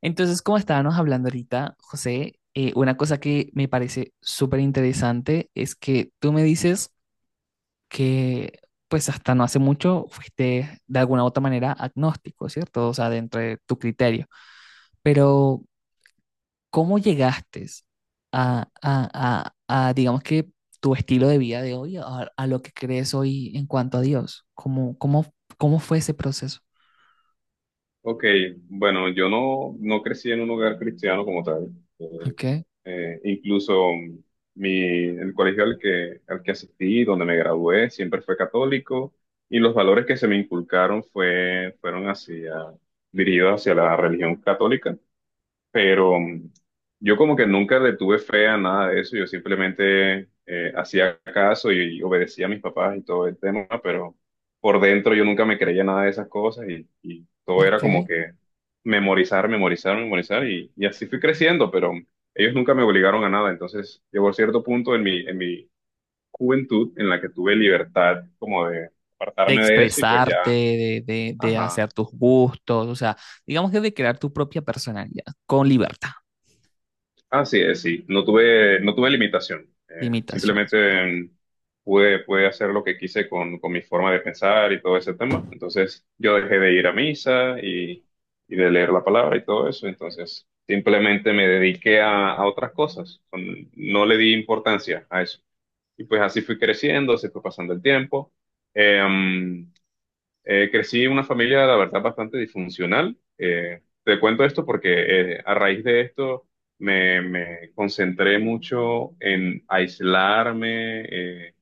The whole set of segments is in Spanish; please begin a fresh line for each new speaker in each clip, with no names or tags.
Entonces, como estábamos hablando ahorita, José, una cosa que me parece súper interesante es que tú me dices que, pues hasta no hace mucho, fuiste de alguna u otra manera agnóstico, ¿cierto? O sea, dentro de tu criterio. Pero ¿cómo llegaste digamos que, tu estilo de vida de hoy, a lo que crees hoy en cuanto a Dios? Cómo fue ese proceso?
Ok, bueno, yo no crecí en un hogar cristiano como tal. Eh,
Ok,
Incluso el colegio al que asistí, donde me gradué, siempre fue católico y los valores que se me inculcaron fueron dirigidos hacia la religión católica, pero yo como que nunca le tuve fe a nada de eso. Yo simplemente hacía caso y obedecía a mis papás y todo el tema, pero por dentro yo nunca me creía nada de esas cosas, y todo era como
ok.
que memorizar, memorizar, memorizar y así fui creciendo, pero ellos nunca me obligaron a nada. Entonces llegó cierto punto en mi juventud en la que tuve libertad como de
De
apartarme de eso y pues
expresarte,
ya,
de
ajá.
hacer tus gustos, o sea, digamos que de crear tu propia personalidad con libertad
Así es, sí. No tuve limitación.
de imitaciones.
Simplemente pude hacer lo que quise con mi forma de pensar y todo ese tema. Entonces, yo dejé de ir a misa y de leer la palabra y todo eso. Entonces, simplemente me dediqué a otras cosas. No le di importancia a eso. Y pues así fui creciendo, se fue pasando el tiempo. Eh, mm, Crecí en una familia, la verdad, bastante disfuncional. Te cuento esto porque a raíz de esto me concentré mucho en aislarme, eh,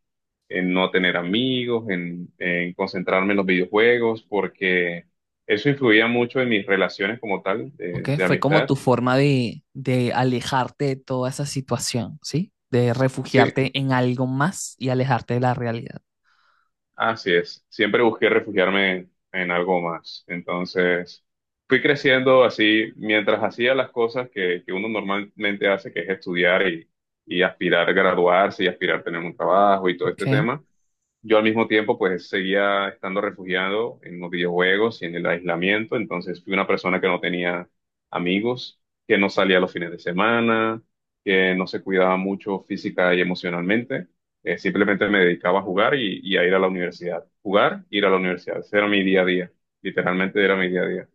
en no tener amigos, en concentrarme en los videojuegos, porque eso influía mucho en mis relaciones como tal,
¿Ok?
de
Fue como
amistad.
tu forma de alejarte de toda esa situación, ¿sí? De
Sí,
refugiarte en algo más y alejarte de la realidad.
así es, siempre busqué refugiarme en algo más. Entonces, fui creciendo así mientras hacía las cosas que uno normalmente hace, que es estudiar y aspirar a graduarse y aspirar a tener un trabajo y todo este
¿Ok?
tema. Yo al mismo tiempo pues seguía estando refugiado en los videojuegos y en el aislamiento. Entonces fui una persona que no tenía amigos, que no salía los fines de semana, que no se cuidaba mucho física y emocionalmente. Simplemente me dedicaba a jugar y a ir a la universidad. Jugar, ir a la universidad, ese era mi día a día, literalmente era mi día a día.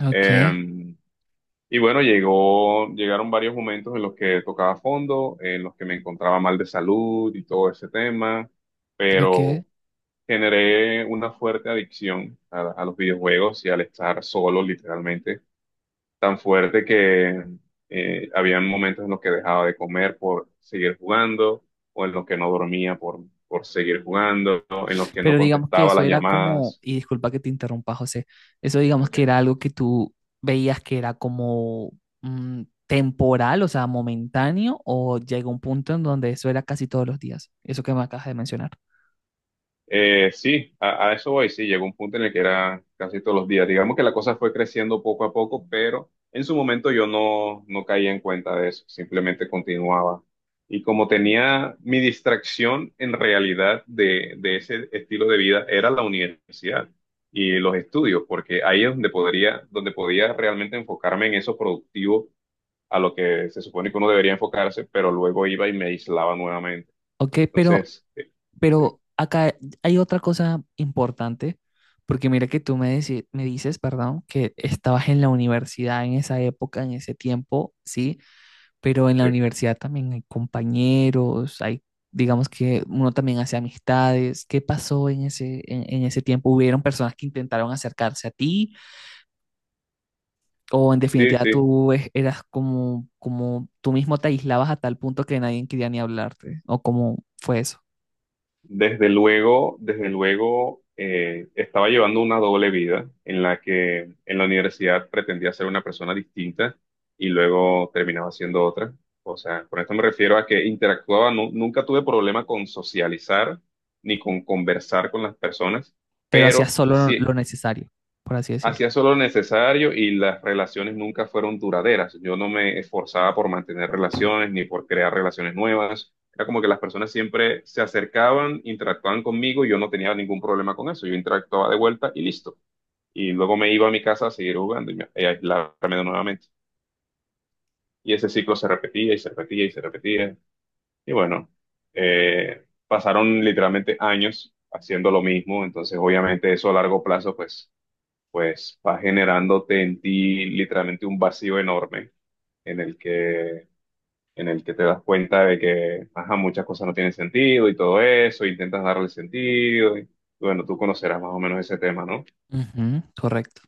Ok,
Em, y bueno, llegaron varios momentos en los que tocaba fondo, en los que me encontraba mal de salud y todo ese tema,
ok.
pero generé una fuerte adicción a los videojuegos y al estar solo, literalmente, tan fuerte que habían momentos en los que dejaba de comer por seguir jugando, o en los que no dormía por seguir jugando, en los que no
Pero digamos que
contestaba
eso
las
era como,
llamadas.
y disculpa que te interrumpa, José, eso digamos que era
Ok.
algo que tú veías que era como temporal, o sea, momentáneo, o llega un punto en donde eso era casi todos los días, eso que me acabas de mencionar.
Sí, a eso voy, sí, llegó un punto en el que era casi todos los días. Digamos que la cosa fue creciendo poco a poco, pero en su momento yo no caía en cuenta de eso, simplemente continuaba. Y como tenía mi distracción en realidad de ese estilo de vida, era la universidad y los estudios, porque ahí es donde podía realmente enfocarme en eso productivo a lo que se supone que uno debería enfocarse, pero luego iba y me aislaba nuevamente.
Ok,
Entonces, sí,
pero acá hay otra cosa importante, porque mira que tú me, me dices, perdón, que estabas en la universidad en esa época, en ese tiempo, ¿sí? Pero en la
sí,
universidad también hay compañeros, hay, digamos que uno también hace amistades. ¿Qué pasó en ese, en ese tiempo? ¿Hubieron personas que intentaron acercarse a ti? ¿O en
sí.
definitiva
sí.
tú eras como, como tú mismo te aislabas a tal punto que nadie quería ni hablarte? ¿O cómo fue eso?
desde luego, desde luego, estaba llevando una doble vida en la que en la universidad pretendía ser una persona distinta y luego terminaba siendo otra. O sea, con esto me refiero a que interactuaba, nunca tuve problema con socializar ni con conversar con las personas,
Pero hacías
pero
solo lo
sí.
lo necesario, por así decirlo.
Hacía solo lo necesario y las relaciones nunca fueron duraderas. Yo no me esforzaba por mantener relaciones ni por crear relaciones nuevas. Era como que las personas siempre se acercaban, interactuaban conmigo y yo no tenía ningún problema con eso. Yo interactuaba de vuelta y listo. Y luego me iba a mi casa a seguir jugando y a aislarme nuevamente. Y ese ciclo se repetía y se repetía y se repetía. Y bueno, pasaron literalmente años haciendo lo mismo. Entonces, obviamente, eso a largo plazo, pues va generándote en ti literalmente un vacío enorme en el en el que te das cuenta de que, ajá, muchas cosas no tienen sentido y todo eso, intentas darle sentido y bueno, tú conocerás más o menos ese tema, ¿no?
Ujú, correcto,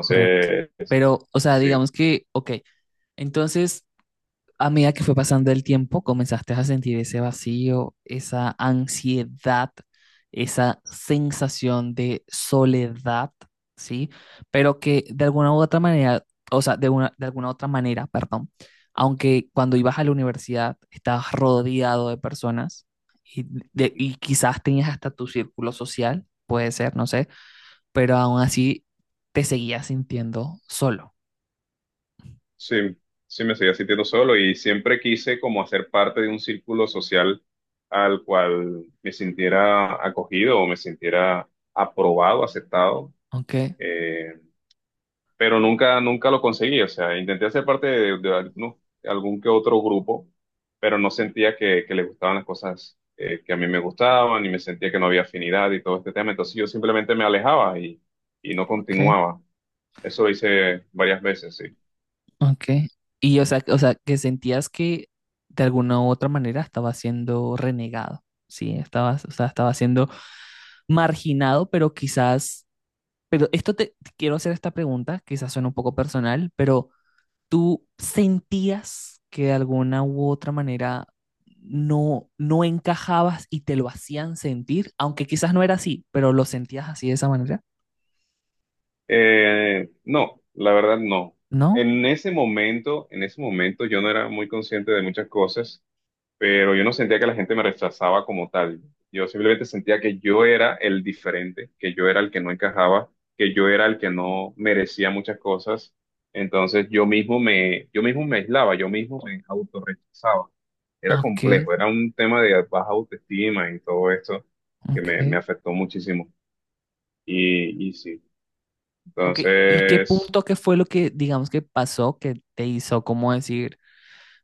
correcto. Pero, o sea,
sí,
digamos que, ok, entonces, a medida que fue pasando el tiempo, comenzaste a sentir ese vacío, esa ansiedad, esa sensación de soledad, ¿sí? Pero que de alguna u otra manera, o sea, de una, de alguna otra manera, perdón, aunque cuando ibas a la universidad estabas rodeado de personas y, y quizás tenías hasta tu círculo social, puede ser, no sé, pero aún así te seguías sintiendo solo,
sí, sí me seguía sintiendo solo y siempre quise como hacer parte de un círculo social al cual me sintiera acogido o me sintiera aprobado, aceptado.
¿ok?
Eh, pero nunca, nunca lo conseguí. O sea, intenté hacer parte de algún que otro grupo, pero no sentía que les gustaban las cosas que a mí me gustaban y me sentía que no había afinidad y todo este tema. Entonces yo simplemente me alejaba y no
Ok,
continuaba. Eso lo hice varias veces, sí.
ok. Y o sea, que sentías que de alguna u otra manera estaba siendo renegado, ¿sí? Estabas, o sea, estaba siendo marginado, pero quizás, pero esto te, te quiero hacer esta pregunta, quizás suena un poco personal, pero ¿tú sentías que de alguna u otra manera no, no encajabas y te lo hacían sentir? Aunque quizás no era así, pero lo sentías así de esa manera,
No, la verdad no.
¿no?
En ese momento yo no era muy consciente de muchas cosas. Pero yo no sentía que la gente me rechazaba como tal. Yo simplemente sentía que yo era el diferente, que yo era el que no encajaba, que yo era el que no merecía muchas cosas. Entonces yo mismo me aislaba, yo mismo me autorrechazaba. Era
Ok,
complejo, era un tema de baja autoestima y todo esto que
ok.
me afectó muchísimo. Y sí,
Ok, ¿y qué
entonces.
punto, qué fue lo que, digamos, que pasó que te hizo como decir,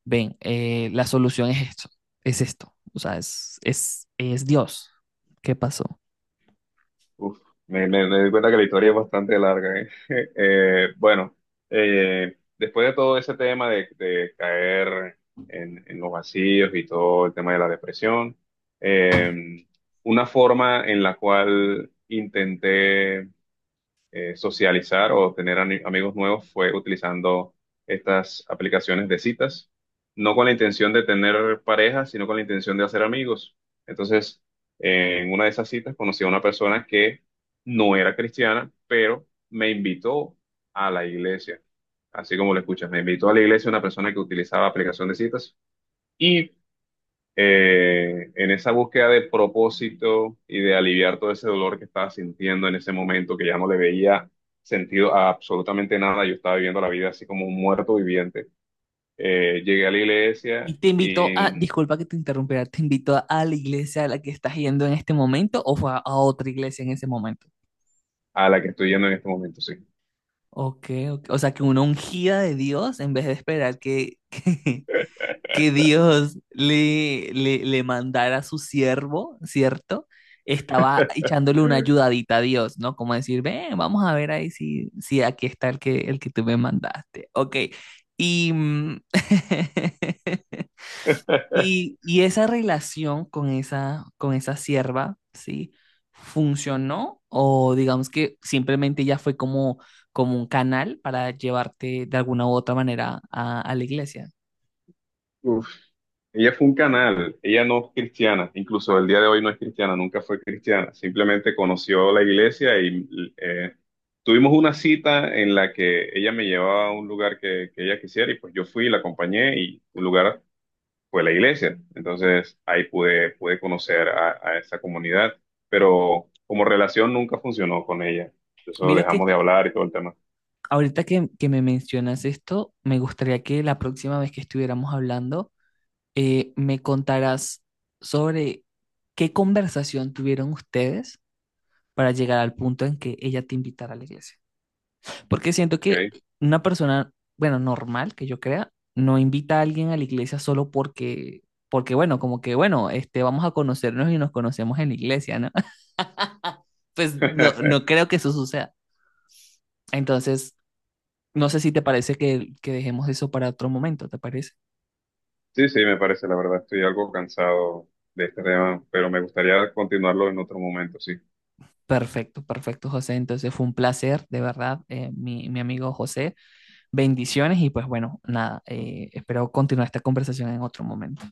ven, la solución es esto, o sea, es Dios. ¿Qué pasó?
Uf, me doy cuenta que la historia es bastante larga, ¿eh? Bueno, después de todo ese tema de caer en los vacíos y todo el tema de la depresión, eh, una forma en la cual intenté socializar o tener amigos nuevos fue utilizando estas aplicaciones de citas, no con la intención de tener pareja, sino con la intención de hacer amigos. Entonces, en una de esas citas conocí a una persona que no era cristiana, pero me invitó a la iglesia. Así como lo escuchas, me invitó a la iglesia una persona que utilizaba aplicación de citas. Y en esa búsqueda de propósito y de aliviar todo ese dolor que estaba sintiendo en ese momento, que ya no le veía sentido a absolutamente nada, yo estaba viviendo la vida así como un muerto viviente. Llegué a la iglesia
¿Y te invitó a,
y
disculpa que te interrumpiera, te invitó a la iglesia a la que estás yendo en este momento o fue a otra iglesia en ese momento?
a la que estoy yendo en este momento, sí.
Ok, ok, o sea, que una ungida de Dios en vez de esperar que, que Dios le, le, le mandara a su siervo, ¿cierto? Estaba echándole una ayudadita a Dios, ¿no? Como decir, ven, vamos a ver ahí si, si aquí está el que tú me mandaste. Ok. Y, y esa relación con esa sierva, ¿sí? ¿Funcionó? O digamos que simplemente ya fue como, como un canal para llevarte de alguna u otra manera a la iglesia.
Ella fue un canal, ella no es cristiana, incluso el día de hoy no es cristiana, nunca fue cristiana, simplemente conoció la iglesia y eh, tuvimos una cita en la que ella me llevaba a un lugar que ella quisiera y pues yo fui, la acompañé y un lugar fue la iglesia. Entonces ahí pude conocer a esa comunidad, pero como relación nunca funcionó con ella. Eso
Mira que
dejamos de hablar y todo el tema.
ahorita que me mencionas esto, me gustaría que la próxima vez que estuviéramos hablando, me contarás sobre qué conversación tuvieron ustedes para llegar al punto en que ella te invitara a la iglesia. Porque siento que
¿Ok?
una persona, bueno, normal que yo crea, no invita a alguien a la iglesia solo porque, porque bueno, como que, bueno, este, vamos a conocernos y nos conocemos en la iglesia, ¿no? Pues no, no creo que eso suceda. Entonces, no sé si te parece que dejemos eso para otro momento, ¿te parece?
Sí, sí, me parece, la verdad, estoy algo cansado de este tema, pero me gustaría continuarlo en otro momento, sí.
Perfecto, perfecto, José. Entonces fue un placer, de verdad, mi, mi amigo José. Bendiciones y pues bueno, nada, espero continuar esta conversación en otro momento.